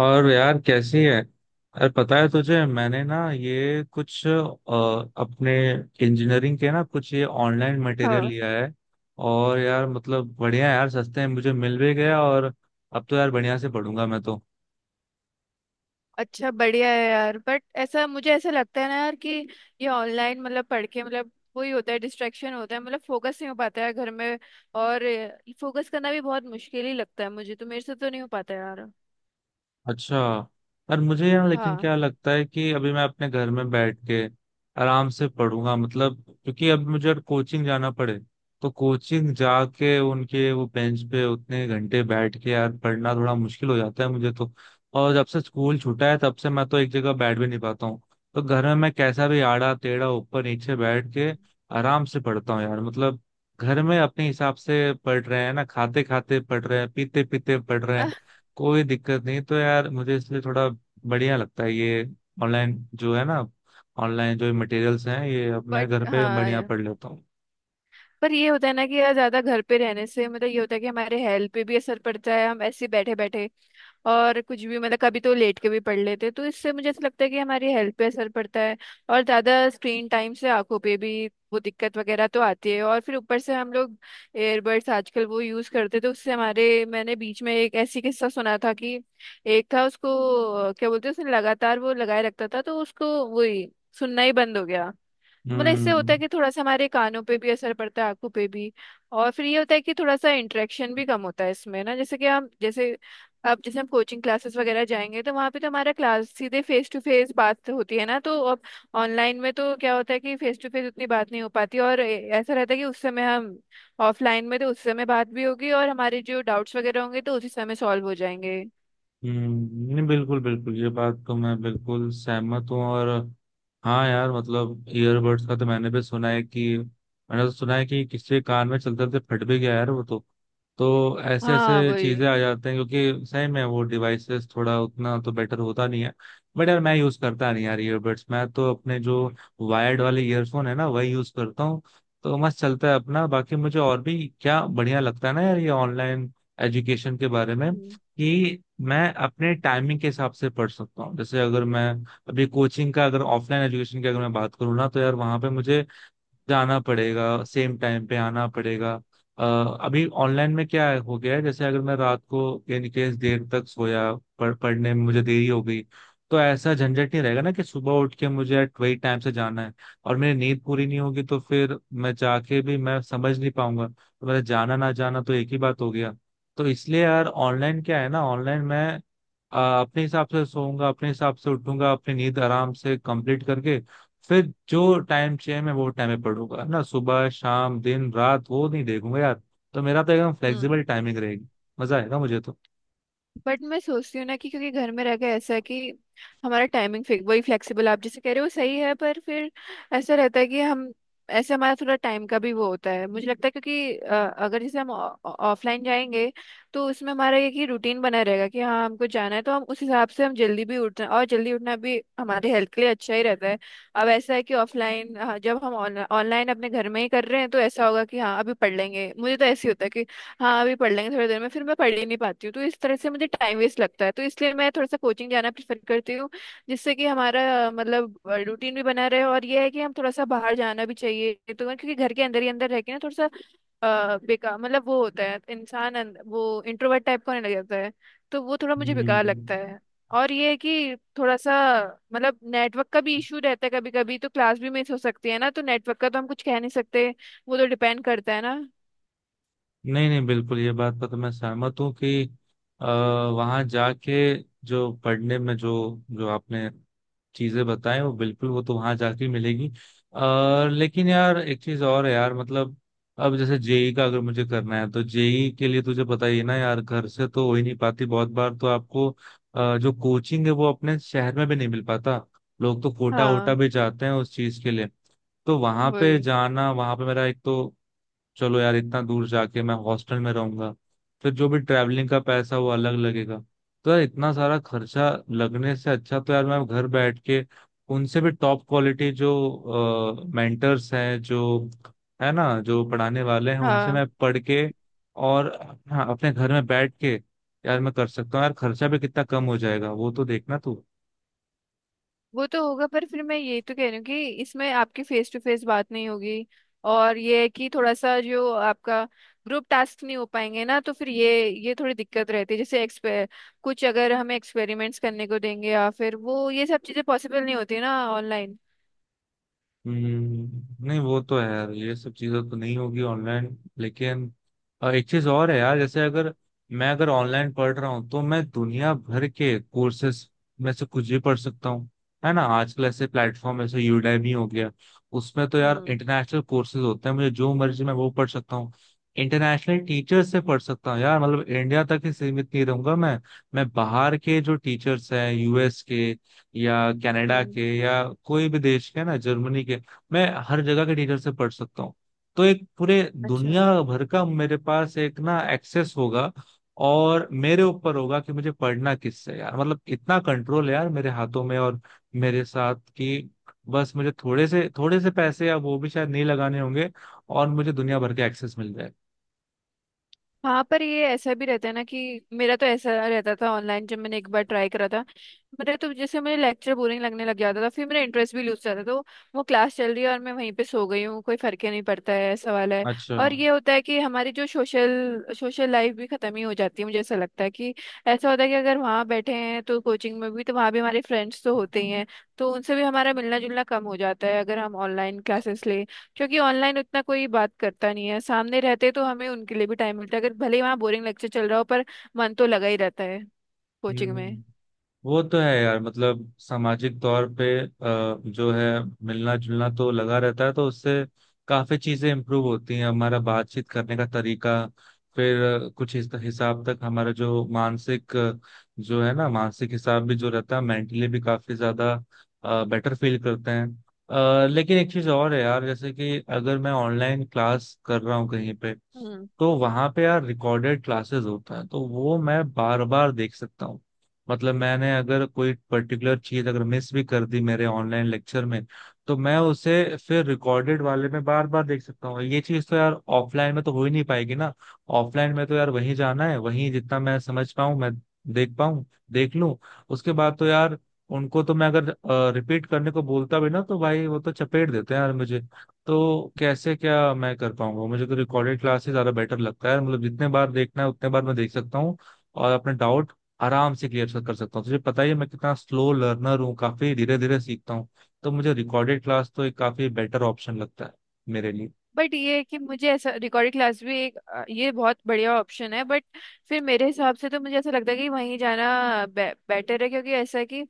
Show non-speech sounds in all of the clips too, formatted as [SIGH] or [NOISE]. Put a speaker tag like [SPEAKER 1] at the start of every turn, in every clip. [SPEAKER 1] और यार कैसी है। अरे पता है तुझे, मैंने ना ये कुछ अपने इंजीनियरिंग के ना कुछ ये ऑनलाइन मटेरियल
[SPEAKER 2] हाँ।
[SPEAKER 1] लिया है। और यार मतलब बढ़िया है यार, सस्ते में मुझे मिल भी गया और अब तो यार बढ़िया से पढ़ूंगा मैं तो।
[SPEAKER 2] अच्छा, बढ़िया है यार। बट ऐसा मुझे ऐसा लगता है ना यार कि ये ऑनलाइन मतलब पढ़ के मतलब वही होता है, डिस्ट्रैक्शन होता है, मतलब फोकस नहीं हो पाता है घर में। और फोकस करना भी बहुत मुश्किल ही लगता है, मुझे तो, मेरे से तो नहीं हो पाता यार।
[SPEAKER 1] अच्छा। और मुझे यार लेकिन
[SPEAKER 2] हाँ।
[SPEAKER 1] क्या लगता है कि अभी मैं अपने घर में बैठ के आराम से पढ़ूंगा, मतलब क्योंकि अब मुझे अगर कोचिंग जाना पड़े तो कोचिंग जाके उनके वो बेंच पे उतने घंटे बैठ के यार पढ़ना थोड़ा मुश्किल हो जाता है मुझे तो। और जब से स्कूल छूटा है तब से मैं तो एक जगह बैठ भी नहीं पाता हूँ। तो घर में मैं कैसा भी आड़ा टेढ़ा ऊपर नीचे बैठ के आराम से पढ़ता हूँ यार, मतलब घर में अपने हिसाब से पढ़ रहे हैं ना, खाते खाते पढ़ रहे हैं, पीते पीते पढ़ रहे हैं,
[SPEAKER 2] [LAUGHS]
[SPEAKER 1] कोई दिक्कत नहीं। तो यार मुझे इसलिए थोड़ा बढ़िया लगता है ये ऑनलाइन जो है ना, ऑनलाइन जो मटेरियल्स हैं ये, अब मैं
[SPEAKER 2] बट
[SPEAKER 1] घर पे बढ़िया
[SPEAKER 2] हाँ,
[SPEAKER 1] पढ़ लेता हूँ।
[SPEAKER 2] पर ये होता है ना कि यार ज्यादा घर पे रहने से मतलब ये होता है कि हमारे हेल्थ पे भी असर पड़ता है, हम ऐसे बैठे बैठे और कुछ भी, मतलब कभी तो लेट के भी पढ़ लेते हैं। तो इससे मुझे ऐसा लगता है कि हमारी हेल्थ पे असर पड़ता है। और ज्यादा स्क्रीन टाइम से आंखों पे भी वो दिक्कत वगैरह तो आती है। और फिर ऊपर से हम लोग एयरबड्स आजकल वो यूज करते हैं, तो उससे हमारे, मैंने बीच में एक ऐसी किस्सा सुना था कि एक था, उसको क्या बोलते हैं, उसने लगातार वो लगाए रखता था तो उसको वही सुनना ही बंद हो गया। मतलब इससे होता
[SPEAKER 1] हम्म।
[SPEAKER 2] है कि थोड़ा सा हमारे कानों पे भी असर पड़ता है, आंखों पे भी। और फिर ये होता है कि थोड़ा सा इंटरेक्शन भी कम होता है इसमें ना, जैसे कि हम, जैसे अब जैसे हम कोचिंग क्लासेस वगैरह जाएंगे तो वहाँ पे तो हमारा क्लास सीधे फेस टू फेस बात होती है ना। तो अब ऑनलाइन में तो क्या होता है कि फेस टू फेस उतनी बात नहीं हो पाती। और ऐसा रहता है कि उस समय हम, ऑफलाइन में तो उस समय बात भी होगी और हमारे जो डाउट्स वगैरह होंगे तो उसी समय सॉल्व हो जाएंगे।
[SPEAKER 1] नहीं बिल्कुल बिल्कुल, ये बात तो मैं बिल्कुल सहमत हूँ। और हाँ यार मतलब ईयरबड्स का तो मैंने भी सुना है कि, मैंने तो सुना है कि किसी कान में चलते चलते फट भी गया यार वो तो। तो ऐसे
[SPEAKER 2] हाँ
[SPEAKER 1] ऐसे
[SPEAKER 2] वही।
[SPEAKER 1] चीजें आ जाते हैं क्योंकि सही में वो डिवाइसेस थोड़ा उतना तो बेटर होता नहीं है। बट यार मैं यूज करता नहीं यार ईयरबड्स, मैं तो अपने जो वायर्ड वाले ईयरफोन है ना वही यूज करता हूँ। तो मस्त चलता है अपना। बाकी मुझे और भी क्या बढ़िया लगता है ना यार ये ऑनलाइन एजुकेशन के बारे में,
[SPEAKER 2] हम्म
[SPEAKER 1] कि मैं अपने टाइमिंग के हिसाब से पढ़ सकता हूँ। जैसे अगर मैं अभी कोचिंग का, अगर ऑफलाइन एजुकेशन की अगर मैं बात करूँ ना, तो यार वहां पे मुझे जाना पड़ेगा, सेम टाइम पे आना पड़ेगा। अ, अभी ऑनलाइन में हो गया है, जैसे अगर मैं रात को इन केस देर तक सोया, पढ़ने में मुझे
[SPEAKER 2] हम्म
[SPEAKER 1] देरी हो गई तो ऐसा झंझट नहीं रहेगा ना कि सुबह उठ के मुझे at वही टाइम से जाना है, और मेरी नींद पूरी नहीं होगी तो फिर मैं जाके भी मैं समझ नहीं पाऊंगा, तो मेरा जाना ना जाना तो एक ही बात हो गया। तो इसलिए यार ऑनलाइन क्या है ना, ऑनलाइन मैं अपने हिसाब से सोऊंगा, अपने हिसाब से उठूंगा, अपनी नींद आराम से कंप्लीट करके फिर जो टाइम चाहिए मैं वो टाइम पे पढ़ूंगा, है ना। सुबह शाम दिन रात वो नहीं देखूंगा यार। तो मेरा तो एकदम
[SPEAKER 2] हम्म।
[SPEAKER 1] फ्लेक्सिबल टाइमिंग रहेगी। मजा आएगा मुझे तो।
[SPEAKER 2] बट मैं सोचती हूँ ना कि क्योंकि घर में रह के ऐसा है कि हमारा टाइमिंग फिक वही फ्लेक्सिबल आप जैसे कह रहे हो सही है, पर फिर ऐसा रहता है कि हम ऐसे, हमारा थोड़ा टाइम का भी वो होता है, मुझे लगता है क्योंकि अगर जैसे हम ऑफलाइन जाएंगे तो उसमें हमारा ये कि रूटीन बना रहेगा कि हाँ हमको जाना है तो हम उस हिसाब से हम जल्दी भी उठते हैं, और जल्दी उठना भी हमारे हेल्थ के लिए अच्छा ही रहता है। अब ऐसा है कि ऑफलाइन, हाँ, जब हम ऑनलाइन अपने घर में ही कर रहे हैं तो ऐसा होगा कि हाँ अभी पढ़ लेंगे, मुझे तो ऐसे ही होता है, हाँ अभी पढ़ लेंगे, थोड़ी देर में फिर मैं पढ़ ही नहीं पाती हूँ, तो इस तरह से मुझे टाइम वेस्ट लगता है, तो इसलिए मैं थोड़ा सा कोचिंग जाना प्रेफर करती हूँ जिससे कि हमारा मतलब रूटीन भी बना रहे। और ये है कि हम थोड़ा सा बाहर जाना भी चाहिए, तो क्योंकि घर के अंदर ही अंदर रह के ना थोड़ा सा बेकार, मतलब वो होता है, इंसान वो इंट्रोवर्ट टाइप का होने लग जाता है, तो वो थोड़ा मुझे बेकार
[SPEAKER 1] हम्म,
[SPEAKER 2] लगता है। और ये है कि थोड़ा सा मतलब नेटवर्क का भी इशू रहता है कभी कभी, तो क्लास भी मिस हो सकती है ना, तो नेटवर्क का तो हम कुछ कह नहीं सकते, वो तो डिपेंड करता है ना।
[SPEAKER 1] नहीं नहीं बिल्कुल, ये बात पर तो मैं सहमत हूँ कि आ, वहां जाके जो पढ़ने में जो जो आपने चीजें बताएं वो बिल्कुल, वो तो वहां जाके ही मिलेगी। और लेकिन यार एक चीज और है यार, मतलब अब जैसे जेई का अगर मुझे करना है तो जेई के लिए तुझे पता ही है ना यार, घर से तो हो ही नहीं पाती बहुत बार, तो आपको जो कोचिंग है वो अपने शहर में भी नहीं मिल पाता। लोग तो कोटा वोटा
[SPEAKER 2] हाँ
[SPEAKER 1] भी जाते हैं उस चीज के लिए। तो वहां पे
[SPEAKER 2] वही।
[SPEAKER 1] जाना, वहां पे मेरा एक तो, चलो यार इतना दूर जाके मैं हॉस्टल में रहूंगा, फिर जो भी ट्रैवलिंग का पैसा वो अलग लगेगा। तो यार इतना सारा खर्चा लगने से अच्छा तो यार मैं घर बैठ के उनसे भी टॉप क्वालिटी जो मेंटर्स हैं जो, है ना, जो पढ़ाने वाले हैं उनसे
[SPEAKER 2] हाँ,
[SPEAKER 1] मैं पढ़ के, और हाँ अपने घर में बैठ के यार मैं कर सकता हूँ यार। खर्चा भी कितना कम हो जाएगा वो तो देखना तू।
[SPEAKER 2] वो तो होगा, पर फिर मैं ये तो कह रही हूँ कि इसमें आपकी फेस टू फेस बात नहीं होगी, और ये है कि थोड़ा सा जो आपका ग्रुप टास्क नहीं हो पाएंगे ना, तो फिर ये थोड़ी दिक्कत रहती है, जैसे एक्सपे कुछ अगर हमें एक्सपेरिमेंट्स करने को देंगे या फिर वो ये सब चीजें पॉसिबल नहीं होती ना ऑनलाइन।
[SPEAKER 1] हम्म, नहीं वो तो है यार, ये सब चीजें तो नहीं होगी ऑनलाइन लेकिन एक चीज और है यार, जैसे अगर मैं, अगर ऑनलाइन पढ़ रहा हूँ तो मैं दुनिया भर के कोर्सेस में से कुछ भी पढ़ सकता हूँ। है ना, आजकल ऐसे प्लेटफॉर्म, ऐसे यूडेमी हो गया, उसमें तो यार
[SPEAKER 2] हम्म
[SPEAKER 1] इंटरनेशनल कोर्सेज होते हैं, मुझे जो मर्जी मैं वो पढ़ सकता हूँ। इंटरनेशनल टीचर से पढ़ सकता हूँ यार, मतलब इंडिया तक ही सीमित नहीं रहूंगा मैं। मैं बाहर के जो टीचर्स हैं, यूएस के या कनाडा
[SPEAKER 2] हम्म।
[SPEAKER 1] के या कोई भी देश के ना, जर्मनी के, मैं हर जगह के टीचर से पढ़ सकता हूँ। तो एक पूरे
[SPEAKER 2] अच्छा।
[SPEAKER 1] दुनिया भर का मेरे पास एक ना एक्सेस होगा। और मेरे ऊपर होगा कि मुझे पढ़ना किससे है यार, मतलब इतना कंट्रोल है यार मेरे हाथों में और मेरे साथ कि बस मुझे थोड़े से पैसे या वो भी शायद नहीं लगाने होंगे और मुझे दुनिया भर के एक्सेस मिल जाए।
[SPEAKER 2] हाँ, पर ये ऐसा भी रहता है ना कि मेरा तो ऐसा रहता था, ऑनलाइन जब मैंने एक बार ट्राई करा था, मेरे तो जैसे मेरे लेक्चर बोरिंग लगने लग जाता था, फिर मेरा इंटरेस्ट भी लूज जाता था, तो वो क्लास चल रही है और मैं वहीं पे सो गई हूँ, कोई फर्क ही नहीं पड़ता है, ऐसा वाला है।
[SPEAKER 1] अच्छा।
[SPEAKER 2] और ये होता है कि हमारी जो सोशल सोशल लाइफ भी खत्म ही हो जाती है, मुझे ऐसा लगता है कि ऐसा होता है कि अगर वहाँ बैठे हैं, तो कोचिंग में भी तो वहाँ भी हमारे फ्रेंड्स तो होते ही हैं, तो उनसे भी हमारा मिलना जुलना कम हो जाता है अगर हम ऑनलाइन क्लासेस ले, क्योंकि ऑनलाइन उतना कोई बात करता नहीं है, सामने रहते तो हमें उनके लिए भी टाइम मिलता है, अगर भले ही वहाँ बोरिंग लेक्चर चल रहा हो पर मन तो लगा ही रहता है कोचिंग में।
[SPEAKER 1] हम्म, वो तो है यार, मतलब सामाजिक तौर पे जो है मिलना जुलना तो लगा रहता है, तो उससे काफी चीजें इम्प्रूव होती हैं, हमारा बातचीत करने का तरीका, फिर कुछ हिसाब तक हमारा जो मानसिक जो है ना मानसिक हिसाब भी जो रहता है, मेंटली भी काफी ज्यादा बेटर फील करते हैं। लेकिन एक चीज और है यार, जैसे कि अगर मैं ऑनलाइन क्लास कर रहा हूँ कहीं पे,
[SPEAKER 2] हम्म।
[SPEAKER 1] तो वहां पे यार रिकॉर्डेड क्लासेस होता है, तो वो मैं बार बार देख सकता हूँ। मतलब मैंने अगर कोई पर्टिकुलर चीज अगर मिस भी कर दी मेरे ऑनलाइन लेक्चर में, तो मैं उसे फिर रिकॉर्डेड वाले में बार बार देख सकता हूँ। ये चीज तो यार ऑफलाइन में तो हो ही नहीं पाएगी ना। ऑफलाइन में तो यार वहीं जाना है, वहीं जितना मैं समझ पाऊँ मैं देख पाऊँ देख लूँ, उसके बाद तो यार उनको तो मैं अगर रिपीट करने को बोलता भी ना तो भाई वो तो चपेट देते हैं यार मुझे। तो कैसे क्या मैं कर पाऊंगा। मुझे तो रिकॉर्डेड क्लास ही ज्यादा बेटर लगता है, मतलब जितने बार देखना है उतने बार मैं देख सकता हूँ और अपने डाउट आराम से क्लियर कर सकता हूँ। तुझे पता ही है मैं कितना स्लो लर्नर हूँ, काफी धीरे धीरे सीखता हूँ। तो मुझे रिकॉर्डेड क्लास तो एक काफी बेटर ऑप्शन लगता है मेरे लिए।
[SPEAKER 2] बट ये है कि मुझे ऐसा रिकॉर्डिंग क्लास भी एक ये बहुत बढ़िया ऑप्शन है, बट फिर मेरे हिसाब से तो मुझे ऐसा लगता है कि वहीं जाना बेटर है, क्योंकि ऐसा है कि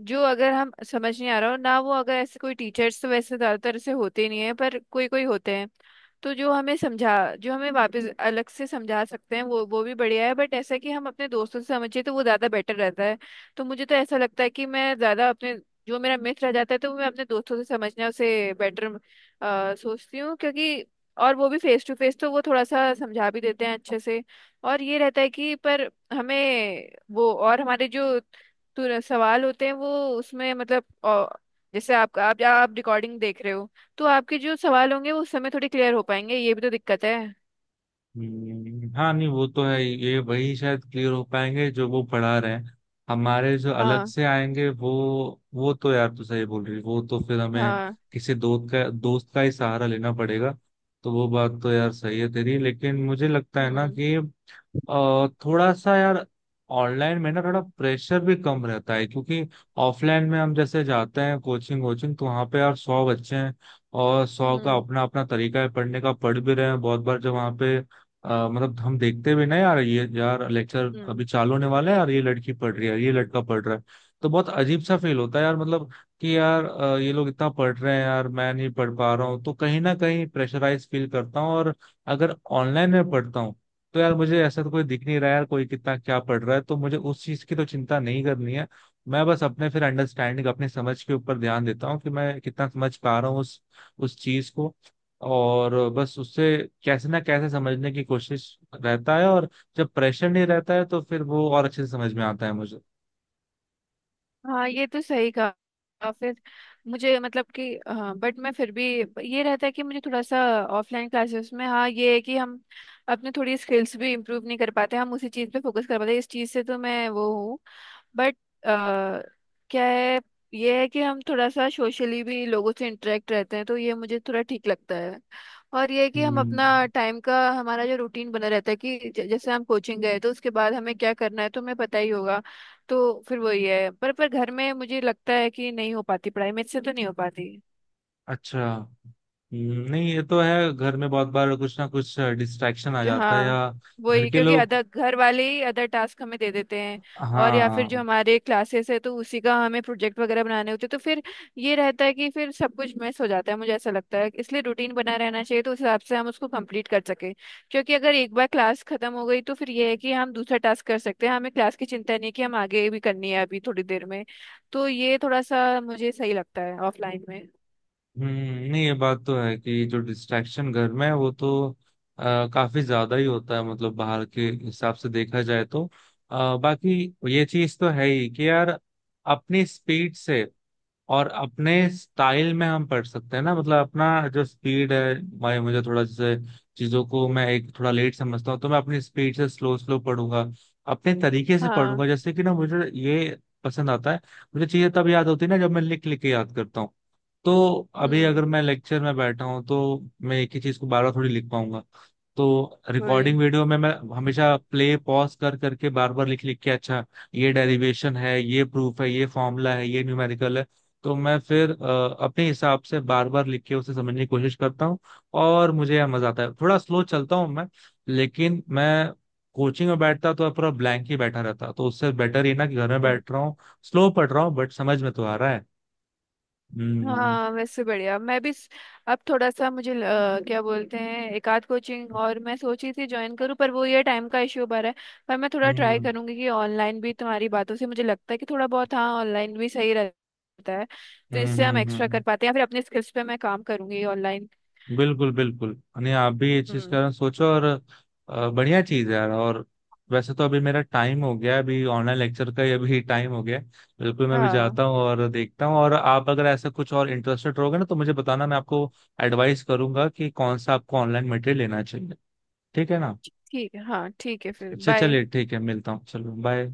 [SPEAKER 2] जो अगर हम समझ नहीं आ रहा हो ना, वो अगर ऐसे कोई टीचर्स, तो वैसे ज़्यादातर ऐसे होते नहीं है, पर कोई कोई होते हैं, तो जो हमें समझा, जो हमें वापस अलग से समझा सकते हैं, वो भी बढ़िया है, बट ऐसा कि हम अपने दोस्तों से समझिए तो वो ज़्यादा बेटर रहता है। तो मुझे तो ऐसा लगता है कि मैं ज़्यादा अपने जो मेरा मित्र रह जाता है तो मैं अपने दोस्तों से समझना उसे बेटर सोचती हूँ, क्योंकि और वो भी फेस टू फेस, तो वो थोड़ा सा समझा भी देते हैं अच्छे से। और ये रहता है कि पर हमें वो, और हमारे जो सवाल होते हैं, वो उसमें मतलब जैसे आप रिकॉर्डिंग देख रहे हो तो आपके जो सवाल होंगे वो उस समय थोड़े क्लियर हो पाएंगे, ये भी तो दिक्कत है।
[SPEAKER 1] हाँ नहीं वो तो है, ये वही शायद क्लियर हो पाएंगे जो वो पढ़ा रहे हैं, हमारे जो अलग
[SPEAKER 2] हाँ
[SPEAKER 1] से आएंगे वो तो यार तू सही बोल रही है, वो तो फिर हमें
[SPEAKER 2] हाँ।
[SPEAKER 1] किसी दोस्त का ही सहारा लेना पड़ेगा। तो वो बात तो यार सही है तेरी, लेकिन मुझे लगता है ना
[SPEAKER 2] हम्म
[SPEAKER 1] कि थोड़ा सा यार ऑनलाइन में ना थोड़ा प्रेशर भी कम रहता है क्योंकि ऑफलाइन में हम जैसे जाते हैं कोचिंग कोचिंग, तो वहाँ पे यार 100 बच्चे हैं और 100 का
[SPEAKER 2] हम्म
[SPEAKER 1] अपना अपना तरीका है पढ़ने का, पढ़ भी रहे हैं बहुत बार। जब वहाँ पे मतलब हम देखते भी ना यार, ये यार लेक्चर
[SPEAKER 2] हम्म।
[SPEAKER 1] अभी चालू होने वाला है यार, ये लड़की पढ़ रही है, ये लड़का पढ़ रहा है, तो बहुत अजीब सा फील होता है यार। मतलब कि यार ये लोग इतना पढ़ रहे हैं यार, मैं नहीं पढ़ पा रहा हूँ, तो कहीं ना कहीं प्रेशराइज फील करता हूँ। और अगर ऑनलाइन में पढ़ता हूँ तो यार मुझे ऐसा तो कोई दिख नहीं रहा है यार कोई कितना क्या पढ़ रहा है, तो मुझे उस चीज की तो चिंता नहीं करनी है। मैं बस अपने फिर अंडरस्टैंडिंग, अपनी समझ के ऊपर ध्यान देता हूँ कि मैं कितना समझ पा रहा हूँ उस चीज को, और बस उससे कैसे ना कैसे समझने की कोशिश रहता है। और जब प्रेशर नहीं रहता है तो फिर वो और अच्छे से समझ में आता है मुझे।
[SPEAKER 2] हाँ ये तो सही कहा। फिर मुझे मतलब कि हाँ, बट मैं फिर भी, ये रहता है कि मुझे थोड़ा सा ऑफलाइन क्लासेस में, हाँ ये है कि हम अपने थोड़ी स्किल्स भी इम्प्रूव नहीं कर पाते, हम उसी चीज़ पे फोकस कर पाते इस चीज़ से, तो मैं वो हूँ। बट अ, क्या है, ये है कि हम थोड़ा सा सोशली भी लोगों से इंटरेक्ट रहते हैं, तो ये मुझे थोड़ा ठीक लगता है। और ये है कि हम अपना
[SPEAKER 1] हम्म।
[SPEAKER 2] टाइम का हमारा जो रूटीन बना रहता है कि जैसे हम कोचिंग गए तो उसके बाद हमें क्या करना है तो हमें पता ही होगा, तो फिर वही है। पर घर में मुझे लगता है कि नहीं हो पाती पढ़ाई, मेरे से तो नहीं हो पाती।
[SPEAKER 1] अच्छा। नहीं ये तो है, घर में बहुत बार कुछ ना कुछ डिस्ट्रैक्शन आ
[SPEAKER 2] जो
[SPEAKER 1] जाता है
[SPEAKER 2] हाँ
[SPEAKER 1] या घर
[SPEAKER 2] वही,
[SPEAKER 1] के
[SPEAKER 2] क्योंकि
[SPEAKER 1] लोग।
[SPEAKER 2] अदर घर वाले ही अदर टास्क हमें दे देते हैं, और या फिर जो
[SPEAKER 1] हाँ।
[SPEAKER 2] हमारे क्लासेस है तो उसी का हमें प्रोजेक्ट वगैरह बनाने होते हैं, तो फिर ये रहता है कि फिर सब कुछ मिस हो जाता है, मुझे ऐसा लगता है, इसलिए रूटीन बना रहना चाहिए तो उस हिसाब से हम उसको कंप्लीट कर सके। क्योंकि अगर एक बार क्लास खत्म हो गई तो फिर ये है कि हम दूसरा टास्क कर सकते हैं, हमें क्लास की चिंता नहीं है कि हम आगे भी करनी है अभी थोड़ी देर में। तो ये थोड़ा सा मुझे सही लगता है ऑफलाइन में।
[SPEAKER 1] हम्म, नहीं ये बात तो है कि जो डिस्ट्रैक्शन घर में है वो तो काफी ज्यादा ही होता है, मतलब बाहर के हिसाब से देखा जाए तो। बाकी ये चीज तो है ही कि यार अपनी स्पीड से और अपने स्टाइल में हम पढ़ सकते हैं ना। मतलब अपना जो स्पीड है, मैं, मुझे थोड़ा जैसे चीजों को मैं एक थोड़ा लेट समझता हूँ, तो मैं अपनी स्पीड से स्लो स्लो पढ़ूंगा, अपने तरीके से
[SPEAKER 2] हाँ।
[SPEAKER 1] पढ़ूंगा, जैसे कि ना मुझे ये पसंद आता है। मुझे चीजें तब याद होती है ना जब मैं लिख लिख के याद करता हूँ। तो अभी
[SPEAKER 2] हम्म
[SPEAKER 1] अगर मैं लेक्चर में बैठा हूँ तो मैं एक ही चीज को बार बार थोड़ी लिख पाऊंगा। तो
[SPEAKER 2] वही
[SPEAKER 1] रिकॉर्डिंग वीडियो में मैं हमेशा प्ले पॉज कर करके बार बार लिख लिख के, अच्छा ये डेरिवेशन है, ये प्रूफ है, ये फॉर्मूला है, ये न्यूमेरिकल है, तो मैं फिर अपने हिसाब से बार बार लिख के उसे समझने की कोशिश करता हूँ। और मुझे यह मजा आता है, थोड़ा स्लो चलता हूँ मैं, लेकिन मैं कोचिंग में बैठता तो पूरा ब्लैंक ही बैठा रहता, तो उससे बेटर ये ना कि घर में
[SPEAKER 2] फिर।
[SPEAKER 1] बैठ रहा हूँ, स्लो पढ़ रहा हूँ बट समझ में तो आ रहा है। हम्म
[SPEAKER 2] हाँ, वैसे बढ़िया, मैं भी अब थोड़ा सा मुझे क्या बोलते हैं, एक आध कोचिंग और मैं सोची थी ज्वाइन करूँ, पर वो ये टाइम का इश्यू बन रहा है, पर मैं थोड़ा ट्राई
[SPEAKER 1] हम्म
[SPEAKER 2] करूंगी कि ऑनलाइन भी, तुम्हारी बातों से मुझे लगता है कि थोड़ा बहुत हाँ ऑनलाइन भी सही रहता है, तो
[SPEAKER 1] हम्म
[SPEAKER 2] इससे हम
[SPEAKER 1] हम्म
[SPEAKER 2] एक्स्ट्रा
[SPEAKER 1] हम्म।
[SPEAKER 2] कर पाते हैं, या फिर अपने स्किल्स पे मैं काम करूंगी ऑनलाइन।
[SPEAKER 1] बिल्कुल बिल्कुल, नहीं आप भी ये चीज
[SPEAKER 2] हम्म।
[SPEAKER 1] का सोचो और बढ़िया चीज है यार। और वैसे तो अभी मेरा टाइम हो गया है, अभी ऑनलाइन लेक्चर का ही अभी [LAUGHS] टाइम हो गया है। बिल्कुल, मैं अभी
[SPEAKER 2] हाँ
[SPEAKER 1] जाता हूँ और देखता हूँ, और आप अगर ऐसा कुछ और इंटरेस्टेड रहोगे ना तो मुझे बताना, मैं आपको एडवाइस करूंगा कि कौन सा आपको ऑनलाइन मटेरियल लेना चाहिए, ठीक है ना।
[SPEAKER 2] ठीक है, हाँ ठीक है। फिर
[SPEAKER 1] अच्छा
[SPEAKER 2] बाय।
[SPEAKER 1] चलिए ठीक है, मिलता हूँ, चलो बाय।